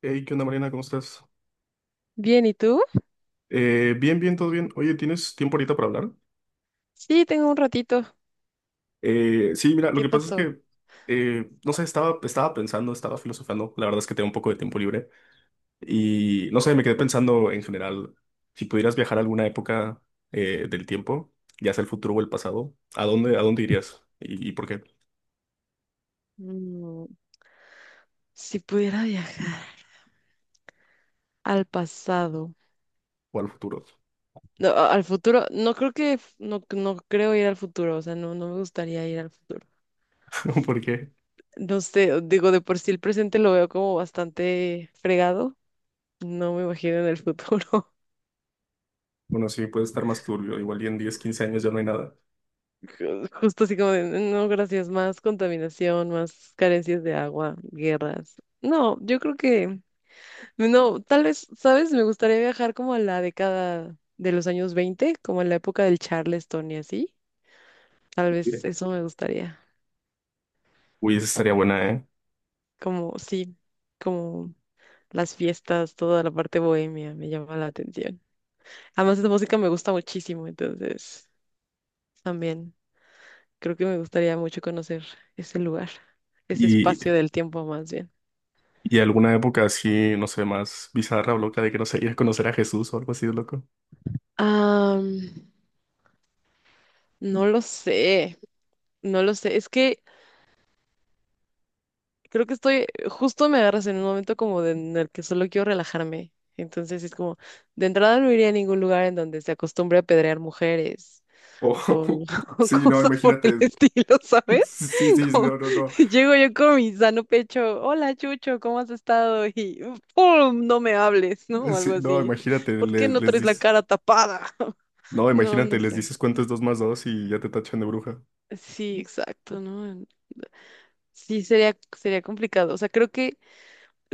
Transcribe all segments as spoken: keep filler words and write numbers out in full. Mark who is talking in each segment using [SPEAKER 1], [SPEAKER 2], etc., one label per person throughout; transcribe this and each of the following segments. [SPEAKER 1] Hey, ¿qué onda, Mariana? ¿Cómo estás?
[SPEAKER 2] Bien, ¿y tú?
[SPEAKER 1] Eh, bien, bien, todo bien. Oye, ¿tienes tiempo ahorita para hablar?
[SPEAKER 2] Sí, tengo un ratito.
[SPEAKER 1] Eh, sí, mira, lo
[SPEAKER 2] ¿Qué
[SPEAKER 1] que pasa es
[SPEAKER 2] pasó?
[SPEAKER 1] que, eh, no sé, estaba, estaba pensando, estaba filosofando. La verdad es que tengo un poco de tiempo libre. Y, no sé, me quedé pensando en general, si pudieras viajar a alguna época eh, del tiempo, ya sea el futuro o el pasado, ¿a dónde, a dónde irías? ¿Y, y por qué?
[SPEAKER 2] Mm, si pudiera viajar al pasado,
[SPEAKER 1] ¿O al futuro?
[SPEAKER 2] no, a- al futuro, no creo que, f- no, no creo ir al futuro, o sea, no, no me gustaría ir al futuro.
[SPEAKER 1] ¿Por qué?
[SPEAKER 2] No sé, digo, de por sí el presente lo veo como bastante fregado, no me imagino en el futuro.
[SPEAKER 1] Bueno, sí, puede estar más turbio. Igual y en diez, quince años ya no hay nada.
[SPEAKER 2] Ju- Justo así como de, no, gracias, más contaminación, más carencias de agua, guerras. No, yo creo que no, tal vez, ¿sabes? Me gustaría viajar como a la década de los años veinte, como en la época del Charleston y así. Tal vez eso me gustaría.
[SPEAKER 1] Uy, esa estaría buena, ¿eh?
[SPEAKER 2] Como, sí, como las fiestas, toda la parte bohemia me llama la atención. Además, esa música me gusta muchísimo, entonces también creo que me gustaría mucho conocer ese lugar, ese
[SPEAKER 1] Y
[SPEAKER 2] espacio del tiempo más bien.
[SPEAKER 1] Y alguna época así, no sé, más bizarra o loca de que no sé, ir a conocer a Jesús o algo así de loco.
[SPEAKER 2] Ah, no lo sé, no lo sé. Es que creo que estoy, justo me agarras en un momento como de- en el que solo quiero relajarme. Entonces es como, de entrada no iría a ningún lugar en donde se acostumbre a apedrear mujeres
[SPEAKER 1] O-
[SPEAKER 2] o, o
[SPEAKER 1] sí, no,
[SPEAKER 2] cosas por el
[SPEAKER 1] imagínate.
[SPEAKER 2] estilo, ¿sabes?
[SPEAKER 1] Sí, sí, sí,
[SPEAKER 2] Como,
[SPEAKER 1] no, no, no.
[SPEAKER 2] llego yo con mi sano pecho, hola Chucho, ¿cómo has estado? Y ¡pum! No me hables, ¿no?
[SPEAKER 1] Eh,
[SPEAKER 2] O algo
[SPEAKER 1] Sí, no,
[SPEAKER 2] así.
[SPEAKER 1] imagínate,
[SPEAKER 2] ¿Por qué
[SPEAKER 1] le-
[SPEAKER 2] no
[SPEAKER 1] les,
[SPEAKER 2] traes la
[SPEAKER 1] dices.
[SPEAKER 2] cara tapada?
[SPEAKER 1] No,
[SPEAKER 2] No, no
[SPEAKER 1] imagínate, les
[SPEAKER 2] sé.
[SPEAKER 1] dices cuánto es dos más dos y ya te tachan de bruja.
[SPEAKER 2] Sí, exacto, ¿no? Sí, sería, sería complicado. O sea, creo que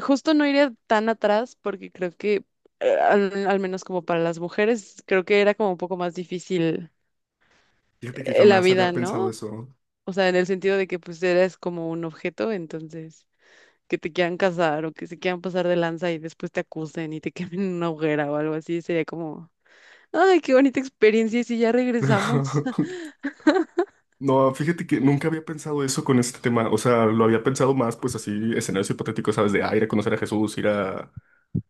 [SPEAKER 2] justo no iría tan atrás porque creo que, eh, al, al menos como para las mujeres, creo que era como un poco más difícil
[SPEAKER 1] Fíjate que
[SPEAKER 2] eh, la
[SPEAKER 1] jamás había
[SPEAKER 2] vida,
[SPEAKER 1] pensado
[SPEAKER 2] ¿no?
[SPEAKER 1] eso.
[SPEAKER 2] O sea, en el sentido de que pues eres como un objeto, entonces que te quieran casar o que se quieran pasar de lanza y después te acusen y te quemen en una hoguera o algo así, sería como, ay, qué bonita experiencia, y si ya regresamos.
[SPEAKER 1] No, fíjate que nunca había pensado eso con este tema. O sea, lo había pensado más, pues así, escenarios hipotéticos, ¿sabes? De ah, ir a conocer a Jesús, ir a,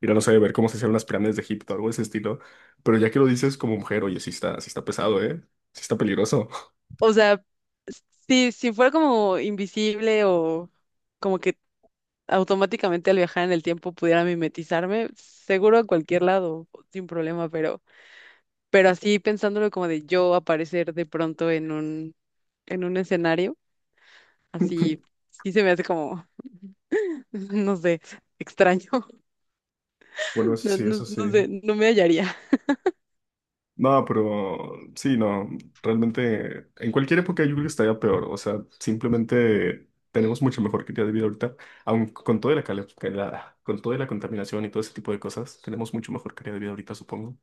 [SPEAKER 1] ir a, no sé, ver cómo se hicieron las pirámides de Egipto, algo de ese estilo. Pero ya que lo dices como mujer, oye, sí está, sí está pesado, ¿eh? Sí está peligroso.
[SPEAKER 2] O sea, si, si fuera como invisible o como que automáticamente al viajar en el tiempo pudiera mimetizarme, seguro a cualquier lado, sin problema, pero, pero así pensándolo como de yo aparecer de pronto en un, en un escenario, así sí se me hace como, no sé, extraño.
[SPEAKER 1] Bueno, eso
[SPEAKER 2] No,
[SPEAKER 1] sí, eso
[SPEAKER 2] no, no
[SPEAKER 1] sí.
[SPEAKER 2] sé, no me hallaría.
[SPEAKER 1] No, pero sí, no, realmente en cualquier época yo creo que estaría peor. O sea, simplemente tenemos mucho mejor calidad de vida ahorita, aun con toda la, cale- que la- con toda la contaminación y todo ese tipo de cosas, tenemos mucho mejor calidad de vida ahorita, supongo.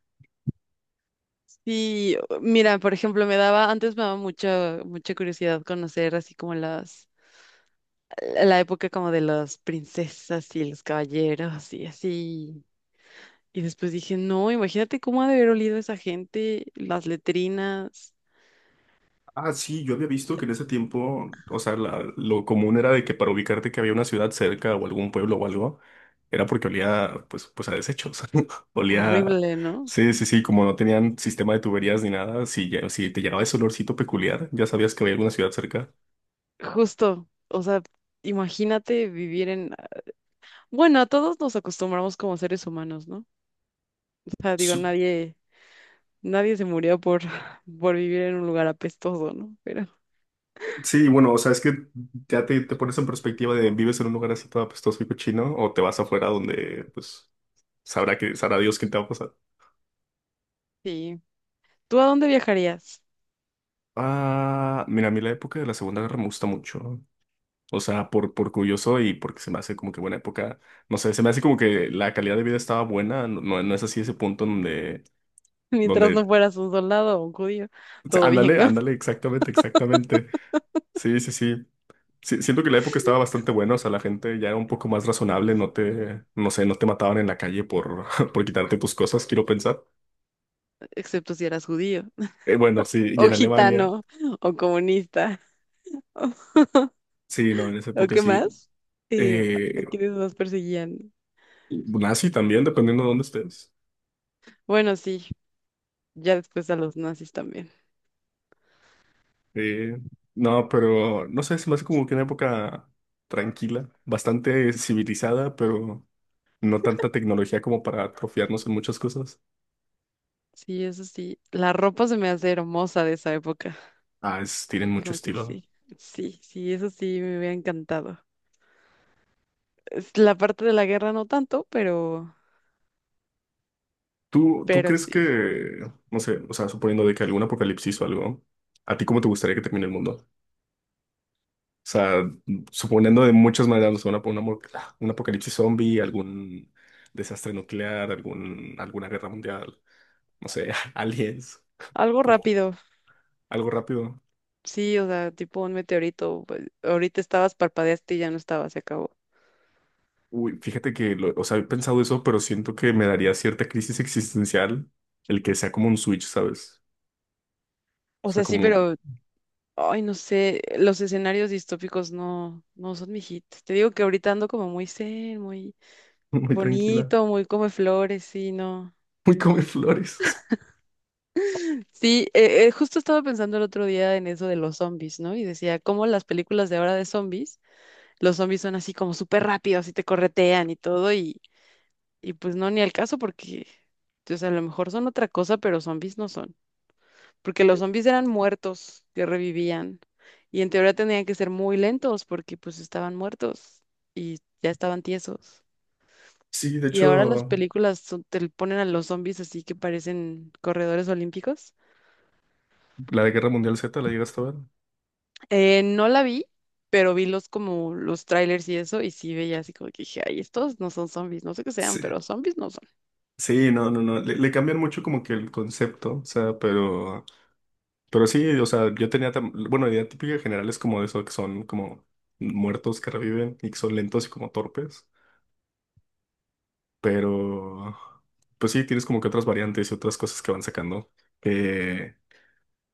[SPEAKER 2] Sí, mira, por ejemplo, me daba, antes me daba mucha, mucha curiosidad conocer así como las, la época como de las princesas y los caballeros y así. Y después dije, no, imagínate cómo ha de haber olido esa gente, las letrinas,
[SPEAKER 1] Ah, sí, yo había visto que en ese tiempo, o sea, la- lo común era de que para ubicarte que había una ciudad cerca o algún pueblo o algo, era porque olía, pues, pues a desechos. Olía,
[SPEAKER 2] horrible, ¿no?
[SPEAKER 1] sí, sí, sí, como no tenían sistema de tuberías ni nada, si, ya- si te llegaba ese olorcito peculiar, ya sabías que había alguna ciudad cerca.
[SPEAKER 2] Justo, o sea, imagínate vivir en... Bueno, a todos nos acostumbramos como seres humanos, ¿no? O sea, digo,
[SPEAKER 1] Su-
[SPEAKER 2] nadie, nadie se murió por, por vivir en un lugar apestoso, ¿no? Pero
[SPEAKER 1] Sí, bueno, o sea, es que ya te, te pones en perspectiva de vives en un lugar así todo apestoso y cochino, o te vas afuera donde, pues, sabrá que, sabrá Dios quién te va a pasar.
[SPEAKER 2] sí, ¿tú a dónde viajarías?
[SPEAKER 1] Ah, mira, a mí la época de la Segunda Guerra me gusta mucho. O sea, por, por curioso y porque se me hace como que buena época. No sé, se me hace como que la calidad de vida estaba buena. No, no no es así ese punto donde,
[SPEAKER 2] Mientras no
[SPEAKER 1] donde,
[SPEAKER 2] fueras un soldado o un judío,
[SPEAKER 1] sí,
[SPEAKER 2] todo bien,
[SPEAKER 1] ándale,
[SPEAKER 2] ¿no?
[SPEAKER 1] ándale, exactamente, exactamente. Sí, sí, sí. Sí, siento que la época estaba bastante buena. O sea, la gente ya era un poco más razonable. No te, no sé, no te mataban en la calle por, por quitarte tus cosas, quiero pensar.
[SPEAKER 2] Excepto si eras judío,
[SPEAKER 1] Eh, bueno, sí, y
[SPEAKER 2] o
[SPEAKER 1] en Alemania.
[SPEAKER 2] gitano, o comunista.
[SPEAKER 1] Sí, no, en esa
[SPEAKER 2] ¿O
[SPEAKER 1] época
[SPEAKER 2] qué
[SPEAKER 1] sí.
[SPEAKER 2] más? Eh, ¿a
[SPEAKER 1] Eh,
[SPEAKER 2] quiénes más perseguían?
[SPEAKER 1] Nazi también, dependiendo de dónde estés.
[SPEAKER 2] Bueno, sí, ya después a los nazis también.
[SPEAKER 1] Eh, no, pero no sé, se me hace como que una época tranquila, bastante civilizada, pero no tanta tecnología como para atrofiarnos en muchas cosas.
[SPEAKER 2] Sí, eso sí. La ropa se me hace hermosa de esa época.
[SPEAKER 1] Ah, es- tienen
[SPEAKER 2] Y
[SPEAKER 1] mucho
[SPEAKER 2] como que
[SPEAKER 1] estilo.
[SPEAKER 2] sí, sí, sí, eso sí me hubiera encantado. Es la parte de la guerra no tanto, pero,
[SPEAKER 1] ¿Tú, tú
[SPEAKER 2] pero
[SPEAKER 1] crees
[SPEAKER 2] sí.
[SPEAKER 1] que, no sé, o sea, suponiendo de que algún apocalipsis o algo, ¿a ti cómo te gustaría que termine el mundo? O sea, suponiendo de muchas maneras, no sé, una- una mo- un apocalipsis zombie, algún desastre nuclear, algún, alguna guerra mundial, no sé, aliens,
[SPEAKER 2] Algo
[SPEAKER 1] como
[SPEAKER 2] rápido,
[SPEAKER 1] algo rápido.
[SPEAKER 2] sí, o sea, tipo un meteorito. Pues, ahorita estabas, parpadeaste y ya no estaba, se acabó.
[SPEAKER 1] Uy, fíjate que, lo- o sea, he pensado eso, pero siento que me daría cierta crisis existencial el que sea como un switch, ¿sabes? O
[SPEAKER 2] O
[SPEAKER 1] sea,
[SPEAKER 2] sea, sí,
[SPEAKER 1] como
[SPEAKER 2] pero, ay, no sé, los escenarios distópicos no, no son mi hit. Te digo que ahorita ando como muy zen, muy
[SPEAKER 1] muy tranquila,
[SPEAKER 2] bonito, muy come flores, sí, no.
[SPEAKER 1] muy come flores.
[SPEAKER 2] Sí, eh, eh, justo estaba pensando el otro día en eso de los zombies, ¿no? Y decía, cómo las películas de ahora de zombies, los zombies son así como súper rápidos y te corretean y todo, y, y pues no, ni al caso porque, o sea, a lo mejor son otra cosa, pero zombies no son. Porque los zombies eran muertos que revivían y en teoría tenían que ser muy lentos porque pues estaban muertos y ya estaban tiesos.
[SPEAKER 1] Sí, de
[SPEAKER 2] Y ahora las
[SPEAKER 1] hecho,
[SPEAKER 2] películas son- te le ponen a los zombies así que parecen corredores olímpicos.
[SPEAKER 1] la de Guerra Mundial Z la llegaste a ver.
[SPEAKER 2] Eh, no la vi, pero vi los como los trailers y eso, y sí veía así como que dije, ay, estos no son zombies, no sé qué
[SPEAKER 1] Sí,
[SPEAKER 2] sean, pero zombies no son.
[SPEAKER 1] sí, no, no, no. Le, le cambian mucho como que el concepto, o sea, pero, pero sí, o sea, yo tenía, tam- bueno, la idea típica general es como de eso, que son como muertos que reviven y que son lentos y como torpes. Pero, pues sí, tienes como que otras variantes y otras cosas que van sacando. Eh,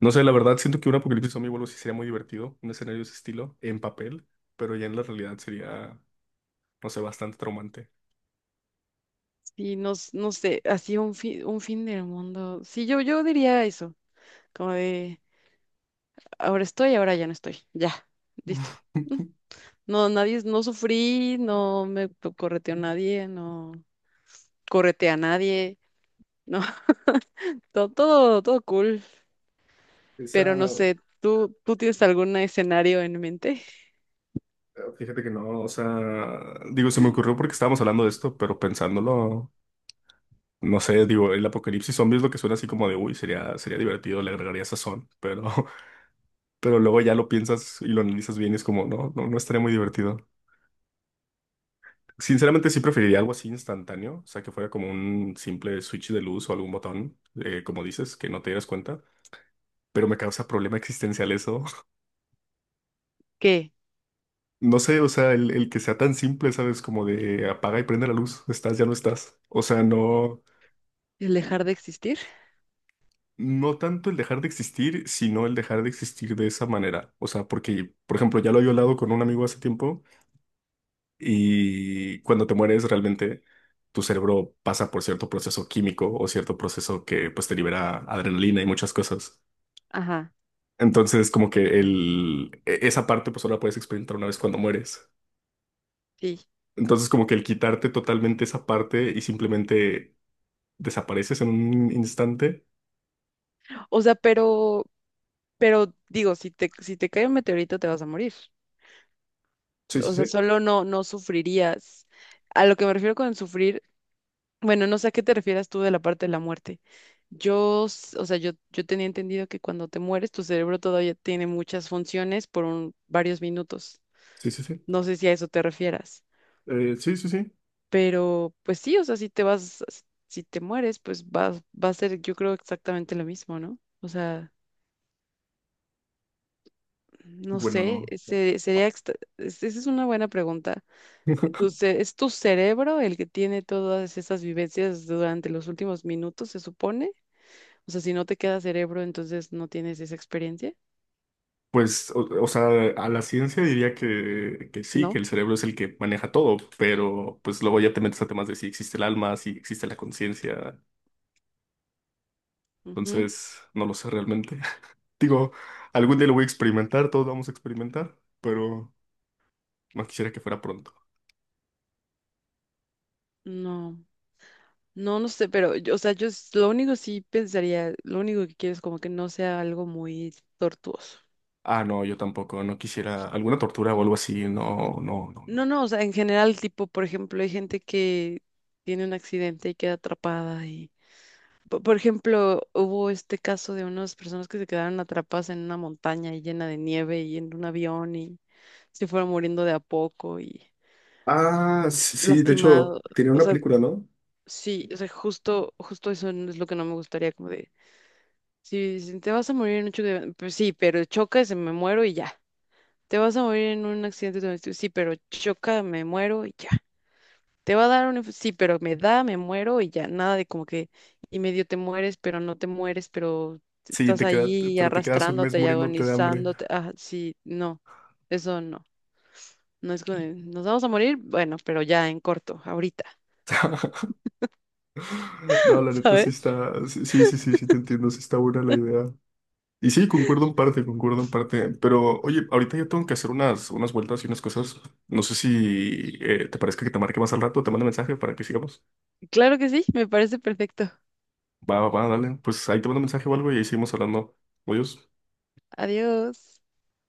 [SPEAKER 1] no sé, la verdad, siento que un apocalipsis zombie vuelvo sí sería muy divertido, un escenario de ese estilo, en papel, pero ya en la realidad sería, no sé, bastante traumante.
[SPEAKER 2] Y no, s- no sé, así un fin, un fin del mundo. Sí, yo, yo diría eso, como de ahora estoy, ahora ya no estoy. Ya, listo. Mm. No, nadie, no sufrí, no me p- correteó nadie, no correte a nadie, no, todo, todo, todo cool.
[SPEAKER 1] Esa,
[SPEAKER 2] Pero no sé, ¿tú, tú tienes algún escenario en mente?
[SPEAKER 1] ah, fíjate que no, o sea, digo, se me ocurrió porque estábamos hablando de esto, pero pensándolo, no sé, digo, el apocalipsis zombie es lo que suena así como de, uy, sería, sería divertido, le agregaría sazón, pero, pero luego ya lo piensas y lo analizas bien y es como, no, no, no estaría muy divertido. Sinceramente sí preferiría algo así instantáneo, o sea, que fuera como un simple switch de luz o algún botón, eh, como dices, que no te dieras cuenta, pero me causa problema existencial eso.
[SPEAKER 2] ¿Qué?
[SPEAKER 1] No sé, o sea, el, el que sea tan simple, ¿sabes? Como de apaga y prende la luz, estás, ya no estás. O sea, no,
[SPEAKER 2] ¿El dejar de existir?
[SPEAKER 1] no tanto el dejar de existir, sino el dejar de existir de esa manera. O sea, porque, por ejemplo, ya lo había hablado con un amigo hace tiempo. Y cuando te mueres, realmente tu cerebro pasa por cierto proceso químico o cierto proceso que pues te libera adrenalina y muchas cosas.
[SPEAKER 2] Ajá,
[SPEAKER 1] Entonces, como que el, e- esa parte pues solo la puedes experimentar una vez cuando mueres.
[SPEAKER 2] sí.
[SPEAKER 1] Entonces, como que el quitarte totalmente esa parte y simplemente desapareces en un instante.
[SPEAKER 2] O sea, pero, pero digo, si te, si te cae un meteorito te vas a morir.
[SPEAKER 1] Sí, sí,
[SPEAKER 2] O sea,
[SPEAKER 1] sí.
[SPEAKER 2] solo no, no sufrirías. A lo que me refiero con sufrir, bueno, no sé a qué te refieras tú de la parte de la muerte. Yo, s- o sea, yo, yo tenía entendido que cuando te mueres, tu cerebro todavía tiene muchas funciones por un- varios minutos.
[SPEAKER 1] Sí, sí, sí.
[SPEAKER 2] No sé si a eso te refieras.
[SPEAKER 1] Eh, sí, sí, sí.
[SPEAKER 2] Pero pues sí, o sea, si te vas, si si te mueres, pues va, va a ser, yo creo, exactamente lo mismo, ¿no? O sea, no sé,
[SPEAKER 1] Bueno.
[SPEAKER 2] se- sería, extra- es- esa es una buena pregunta. Tu ce- ¿es tu cerebro el que tiene todas esas vivencias durante los últimos minutos, se supone? O sea, si no te queda cerebro, entonces no tienes esa experiencia,
[SPEAKER 1] Pues, o, o sea, a la ciencia diría que, que sí, que
[SPEAKER 2] ¿no?
[SPEAKER 1] el cerebro es el que maneja todo, pero pues luego ya te metes a temas de si existe el alma, si existe la conciencia,
[SPEAKER 2] Ujú,
[SPEAKER 1] entonces no lo sé realmente. Digo, algún día lo voy a experimentar, todos vamos a experimentar, pero no quisiera que fuera pronto.
[SPEAKER 2] no. No, no sé, pero, yo- o sea, yo s- lo único sí pensaría, lo único que quiero es como que no sea algo muy tortuoso.
[SPEAKER 1] Ah, no, yo tampoco, no quisiera alguna tortura o algo así, no, no, no,
[SPEAKER 2] No,
[SPEAKER 1] no.
[SPEAKER 2] no, o sea, en general, tipo, por ejemplo, hay gente que tiene un accidente y queda atrapada y, po- por ejemplo, hubo este caso de unas personas que se quedaron atrapadas en una montaña y llena de nieve y en un avión y se fueron muriendo de a poco y
[SPEAKER 1] Ah, sí, sí, de hecho,
[SPEAKER 2] lastimado,
[SPEAKER 1] tenía
[SPEAKER 2] o
[SPEAKER 1] una
[SPEAKER 2] sea,
[SPEAKER 1] película, ¿no?
[SPEAKER 2] sí, o sea, justo, justo eso no es lo que no me gustaría, como de, si, si te vas a morir en un choque, de- avión, pues sí, pero choca y se me muero y ya. Te vas a morir en un accidente, de- avión, sí, pero choca, me muero y ya. Te va a dar un... inf- sí, pero me da, me muero y ya, nada de como que y medio te mueres, pero no te mueres, pero
[SPEAKER 1] Sí,
[SPEAKER 2] estás
[SPEAKER 1] te queda,
[SPEAKER 2] ahí
[SPEAKER 1] pero te quedas un mes
[SPEAKER 2] arrastrándote y
[SPEAKER 1] muriéndote de hambre.
[SPEAKER 2] agonizándote. Ah, sí, no, eso no. No es como, de, nos vamos a morir, bueno, pero ya en corto, ahorita,
[SPEAKER 1] No, la neta sí
[SPEAKER 2] ¿sabes?
[SPEAKER 1] está, sí, sí, sí, sí, sí te entiendo, sí está buena la idea. Y sí, concuerdo en parte, concuerdo en parte. Pero, oye, ahorita ya tengo que hacer unas, unas vueltas y unas cosas. No sé si eh, te parezca que te marque más al rato, te mando mensaje para que sigamos.
[SPEAKER 2] Claro que sí, me parece perfecto.
[SPEAKER 1] Va, va, va, dale. Pues ahí te mando mensaje o algo y ahí seguimos hablando. Adiós.
[SPEAKER 2] Adiós.